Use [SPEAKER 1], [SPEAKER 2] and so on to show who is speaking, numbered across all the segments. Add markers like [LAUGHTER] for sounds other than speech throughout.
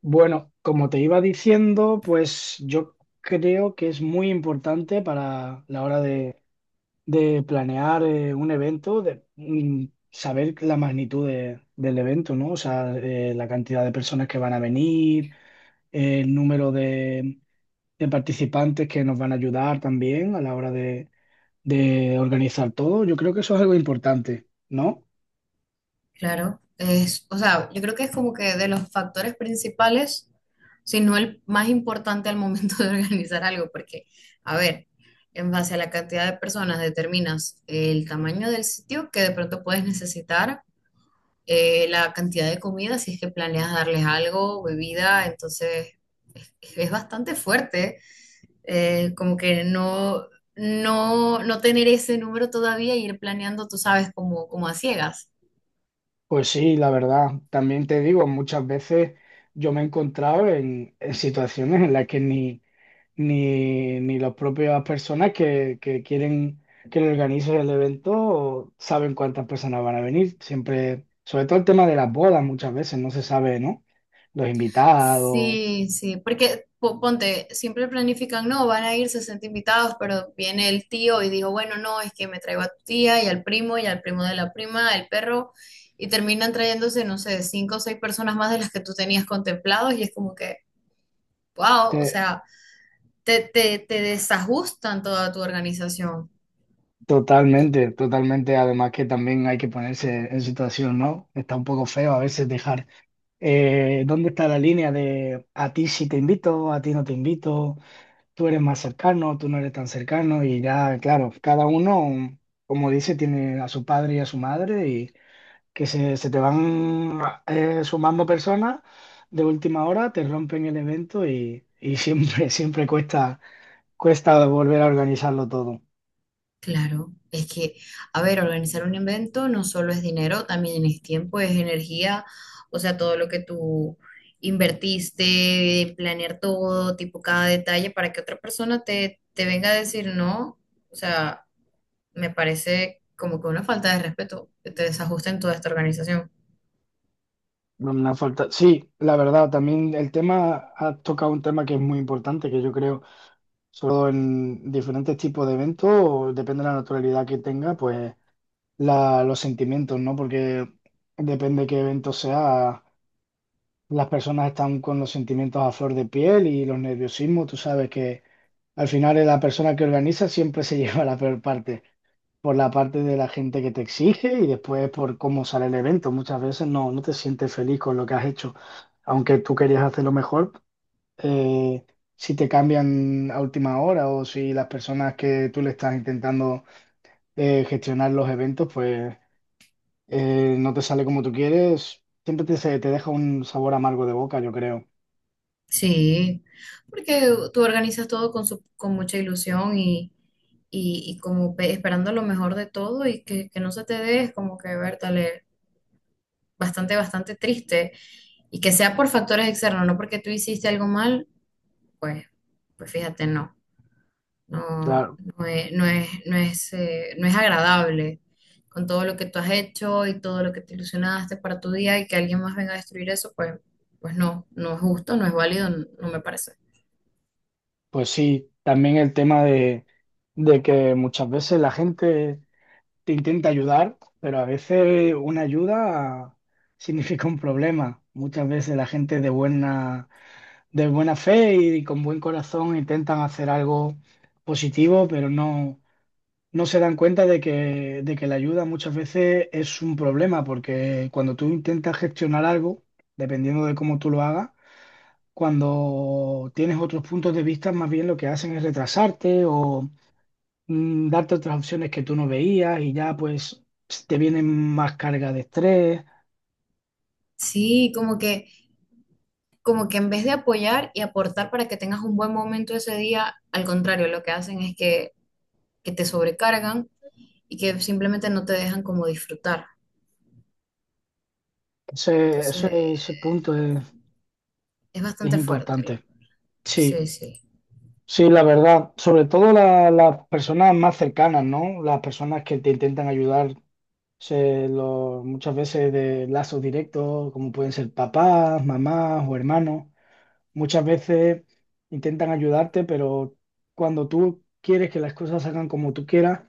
[SPEAKER 1] Bueno, como te iba diciendo, pues yo creo que es muy importante para la hora de planear un evento, de saber la magnitud del evento, ¿no? O sea, la cantidad de personas que van a venir, el número de participantes que nos van a ayudar también a la hora de organizar todo. Yo creo que eso es algo importante, ¿no?
[SPEAKER 2] Claro, es, o sea, yo creo que es como que de los factores principales, si no el más importante al momento [LAUGHS] de organizar algo, porque, a ver, en base a la cantidad de personas determinas el tamaño del sitio que de pronto puedes necesitar, la cantidad de comida, si es que planeas darles algo, bebida, entonces es bastante fuerte, como que no, no tener ese número todavía y ir planeando, tú sabes, como, como a ciegas.
[SPEAKER 1] Pues sí, la verdad, también te digo, muchas veces yo me he encontrado en situaciones en las que ni las propias personas que quieren que le organicen el evento saben cuántas personas van a venir. Siempre, sobre todo el tema de las bodas, muchas veces no se sabe, ¿no? Los invitados.
[SPEAKER 2] Sí, sí, porque ponte, siempre planifican, no, van a ir 60 invitados, pero viene el tío y dijo, bueno, no, es que me traigo a tu tía y al primo de la prima, el perro, y terminan trayéndose, no sé, cinco o seis personas más de las que tú tenías contemplados y es como que, wow, o
[SPEAKER 1] te-
[SPEAKER 2] sea, te desajustan toda tu organización.
[SPEAKER 1] Totalmente, totalmente. Además que también hay que ponerse en situación, ¿no? Está un poco feo a veces dejar ¿dónde está la línea de a ti sí te invito, a ti no te invito, tú eres más cercano, tú no eres tan cercano? Y ya, claro, cada uno, como dice, tiene a su padre y a su madre y que se te van sumando personas de última hora, te rompen el evento y siempre, [LAUGHS] siempre cuesta, cuesta volver a organizarlo todo.
[SPEAKER 2] Claro, es que, a ver, organizar un evento no solo es dinero, también es tiempo, es energía, o sea, todo lo que tú invertiste, planear todo, tipo cada detalle, para que otra persona te venga a decir no, o sea, me parece como que una falta de respeto que te desajusta en toda esta organización.
[SPEAKER 1] Una falta. Sí, la verdad, también el tema, ha tocado un tema que es muy importante, que yo creo sobre todo en diferentes tipos de eventos, o depende de la naturalidad que tenga, pues los sentimientos, ¿no? Porque depende qué evento sea, las personas están con los sentimientos a flor de piel y los nerviosismos, tú sabes que al final es la persona que organiza siempre se [LAUGHS] lleva la peor parte, por la parte de la gente que te exige y después por cómo sale el evento. Muchas veces no te sientes feliz con lo que has hecho, aunque tú querías hacerlo mejor eh, si te cambian a última hora o si las personas que tú le estás intentando gestionar los eventos, pues no te sale como tú quieres, siempre te deja un sabor amargo de boca, yo creo.
[SPEAKER 2] Sí, porque tú organizas todo con, con mucha ilusión y, y como esperando lo mejor de todo y que no se te dé, es como que, ver, bastante, bastante triste y que sea por factores externos, no porque tú hiciste algo mal, pues, pues fíjate, no, no,
[SPEAKER 1] Claro,
[SPEAKER 2] no es, no es, no es, no es agradable con todo lo que tú has hecho y todo lo que te ilusionaste para tu día y que alguien más venga a destruir eso, pues, pues no, no es justo, no es válido, no, no me parece.
[SPEAKER 1] pues sí, también el tema de que muchas veces la gente te intenta ayudar, pero a veces una ayuda significa un problema. Muchas veces la gente de buena fe y con buen corazón intentan hacer algo positivo, pero no, no se dan cuenta de que la ayuda muchas veces es un problema, porque cuando tú intentas gestionar algo, dependiendo de cómo tú lo hagas, cuando tienes otros puntos de vista, más bien lo que hacen es retrasarte o darte otras opciones que tú no veías y ya pues te vienen más carga de estrés.
[SPEAKER 2] Sí, como que en vez de apoyar y aportar para que tengas un buen momento ese día, al contrario, lo que hacen es que te sobrecargan y que simplemente no te dejan como disfrutar.
[SPEAKER 1] Ese,
[SPEAKER 2] Entonces,
[SPEAKER 1] ese, ese punto
[SPEAKER 2] es
[SPEAKER 1] es
[SPEAKER 2] bastante fuerte.
[SPEAKER 1] importante.
[SPEAKER 2] Sí,
[SPEAKER 1] Sí.
[SPEAKER 2] sí.
[SPEAKER 1] Sí, la verdad, sobre todo las personas más cercanas, ¿no? Las personas que te intentan ayudar, muchas veces de lazos directos, como pueden ser papás, mamás o hermanos, muchas veces intentan ayudarte, pero cuando tú quieres que las cosas salgan como tú quieras,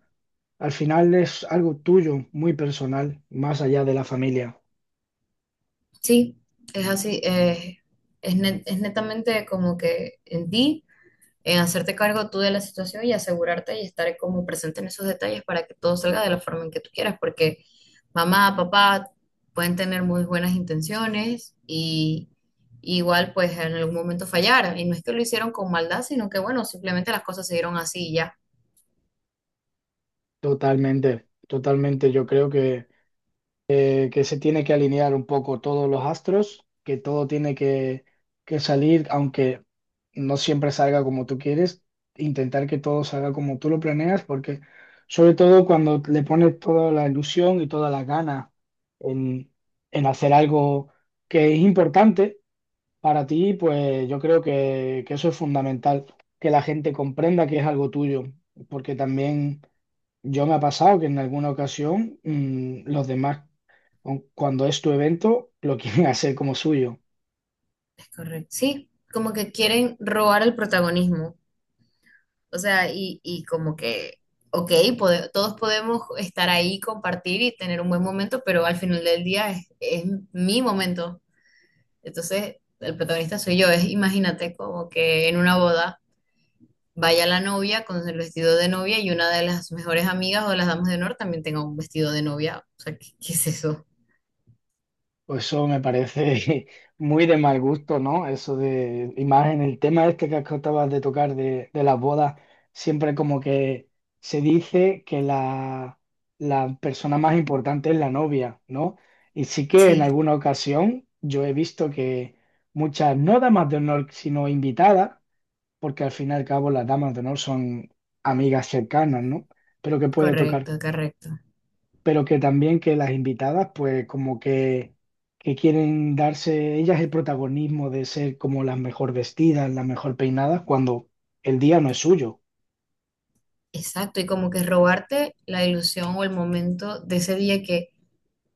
[SPEAKER 1] al final es algo tuyo, muy personal, más allá de la familia.
[SPEAKER 2] Sí, es así. Es, es netamente como que en ti, en hacerte cargo tú de la situación y asegurarte y estar como presente en esos detalles para que todo salga de la forma en que tú quieras, porque mamá, papá pueden tener muy buenas intenciones y igual pues en algún momento fallar. Y no es que lo hicieron con maldad, sino que bueno, simplemente las cosas se dieron así y ya.
[SPEAKER 1] Totalmente, totalmente. Yo creo que se tiene que alinear un poco todos los astros, que todo tiene que salir, aunque no siempre salga como tú quieres, intentar que todo salga como tú lo planeas, porque sobre todo cuando le pones toda la ilusión y toda la gana en, en hacer algo que es importante para ti, pues yo creo que eso es fundamental, que la gente comprenda que es algo tuyo, porque también yo me ha pasado que en alguna ocasión los demás, cuando es tu evento, lo quieren [LAUGHS] hacer como suyo.
[SPEAKER 2] Es correcto. Sí, como que quieren robar el protagonismo. O sea, y como que, ok, todos podemos estar ahí, compartir y tener un buen momento, pero al final del día es mi momento. Entonces, el protagonista soy yo. Es, imagínate como que en una boda vaya la novia con el vestido de novia y una de las mejores amigas o las damas de honor también tenga un vestido de novia. O sea, ¿qué, qué es eso?
[SPEAKER 1] Pues eso me parece [LAUGHS] muy de mal gusto, ¿no? Eso de, y más en el tema este que acabas de tocar de las bodas, siempre como que se dice que la persona más importante es la novia, ¿no? Y sí que en
[SPEAKER 2] Sí,
[SPEAKER 1] alguna ocasión yo he visto que muchas, no damas de honor, sino invitadas, porque al fin y al cabo las damas de honor son amigas cercanas, ¿no? Pero que puede tocar
[SPEAKER 2] correcto, correcto.
[SPEAKER 1] pero que también que las invitadas, pues como que quieren darse ellas el protagonismo de ser como las mejor vestidas, las mejor peinadas, cuando el día no es suyo.
[SPEAKER 2] Exacto, y como que robarte la ilusión o el momento de ese día que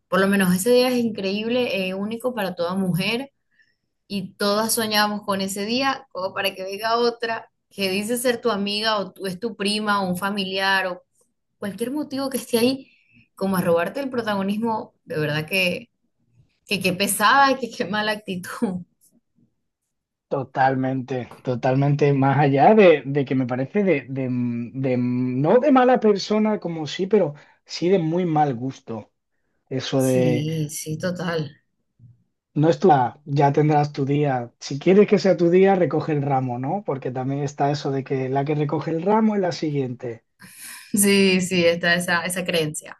[SPEAKER 2] por lo menos ese día es increíble, único para toda mujer y todas soñamos con ese día, como para que venga otra que dice ser tu amiga o tú, es tu prima o un familiar o cualquier motivo que esté ahí, como a robarte el protagonismo, de verdad que qué pesada, que qué mala actitud.
[SPEAKER 1] Totalmente, totalmente, más allá de que me parece no de mala persona como sí, pero sí de muy mal gusto. Eso de,
[SPEAKER 2] Sí, sí, total.
[SPEAKER 1] no es tu, día, ya tendrás tu día. Si quieres que sea tu día, recoge el ramo, ¿no? Porque también está eso de que la que recoge el ramo es la siguiente.
[SPEAKER 2] Sí, sí, está esa, esa creencia.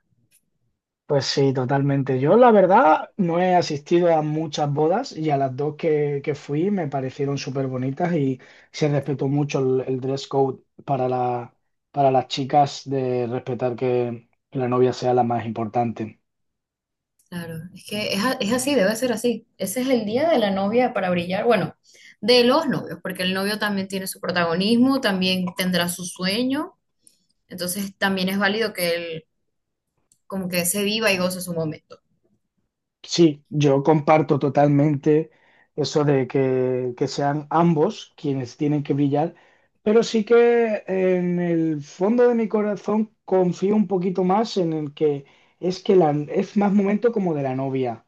[SPEAKER 1] Pues sí, totalmente. Yo la verdad no he asistido a muchas bodas y a las dos que fui me parecieron súper bonitas y se respetó mucho el dress code para para las chicas de respetar que la novia sea la más importante.
[SPEAKER 2] Claro, es que es, es así, debe ser así. Ese es el día de la novia para brillar. Bueno, de los novios, porque el novio también tiene su protagonismo, también tendrá su sueño, entonces también es válido que él como que se viva y goce su momento.
[SPEAKER 1] Sí, yo comparto totalmente eso de que sean ambos quienes tienen que brillar, pero sí que en el fondo de mi corazón confío un poquito más en el que es que es más momento como de la novia,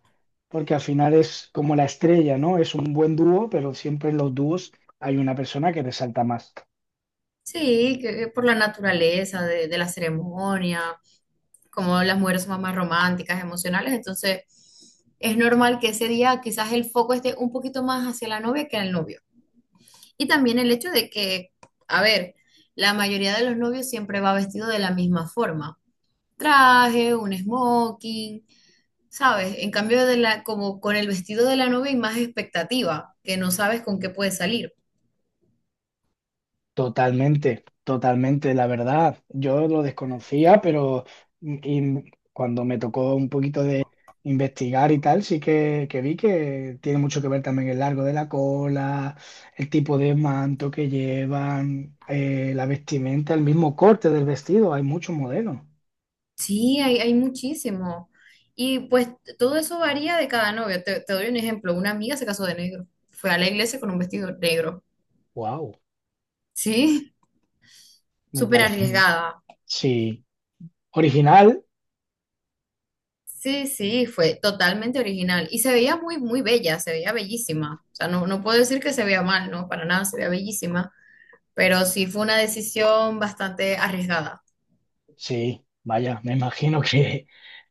[SPEAKER 1] porque al final es como la estrella, ¿no? Es un buen dúo, pero siempre en los dúos hay una persona que resalta más.
[SPEAKER 2] Sí, que por la naturaleza de la ceremonia, como las mujeres son más románticas, emocionales, entonces es normal que ese día quizás el foco esté un poquito más hacia la novia que al novio. Y también el hecho de que, a ver, la mayoría de los novios siempre va vestido de la misma forma. Traje, un smoking, ¿sabes? En cambio de la, como con el vestido de la novia hay más expectativa, que no sabes con qué puede salir.
[SPEAKER 1] Totalmente, totalmente, la verdad. Yo lo desconocía, pero y cuando me tocó un poquito de investigar y tal, sí que vi que tiene mucho que ver también el largo de la cola, el tipo de manto que llevan, la vestimenta, el mismo corte del vestido. Hay muchos modelos.
[SPEAKER 2] Sí, hay muchísimo. Y pues todo eso varía de cada novio. Te doy un ejemplo. Una amiga se casó de negro. Fue a la iglesia con un vestido negro.
[SPEAKER 1] Wow,
[SPEAKER 2] Sí,
[SPEAKER 1] me
[SPEAKER 2] súper
[SPEAKER 1] parece. [LAUGHS]
[SPEAKER 2] arriesgada.
[SPEAKER 1] Sí, original.
[SPEAKER 2] Sí, sí, fue totalmente original y se veía muy, muy bella, se veía bellísima. O sea, no, no puedo decir que se vea mal, no, para nada, se veía bellísima, pero sí fue una decisión bastante arriesgada.
[SPEAKER 1] Sí, vaya, me imagino que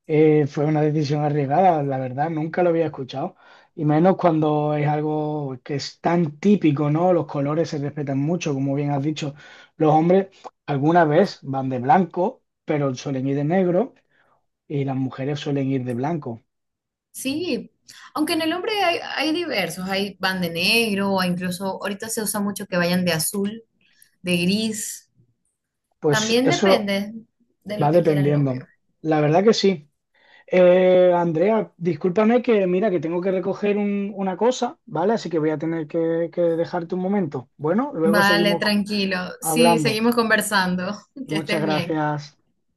[SPEAKER 1] fue una decisión arriesgada, la verdad, nunca lo había escuchado, y menos cuando es algo que es tan típico, ¿no? Los colores se respetan mucho, como bien has dicho, los hombres alguna vez van de blanco, pero suelen ir de negro, y las mujeres suelen ir de blanco.
[SPEAKER 2] Sí, aunque en el hombre hay, hay diversos, hay van de negro o incluso ahorita se usa mucho que vayan de azul, de gris.
[SPEAKER 1] Pues
[SPEAKER 2] También
[SPEAKER 1] eso
[SPEAKER 2] depende de
[SPEAKER 1] va
[SPEAKER 2] lo que quiera el
[SPEAKER 1] dependiendo.
[SPEAKER 2] novio.
[SPEAKER 1] La verdad que sí. Andrea, discúlpame que mira que tengo que recoger una cosa, ¿vale? Así que voy a tener que dejarte un momento. Bueno, luego
[SPEAKER 2] Vale,
[SPEAKER 1] seguimos
[SPEAKER 2] tranquilo. Sí,
[SPEAKER 1] hablando.
[SPEAKER 2] seguimos conversando. [LAUGHS] Que
[SPEAKER 1] Muchas
[SPEAKER 2] estés bien.
[SPEAKER 1] gracias.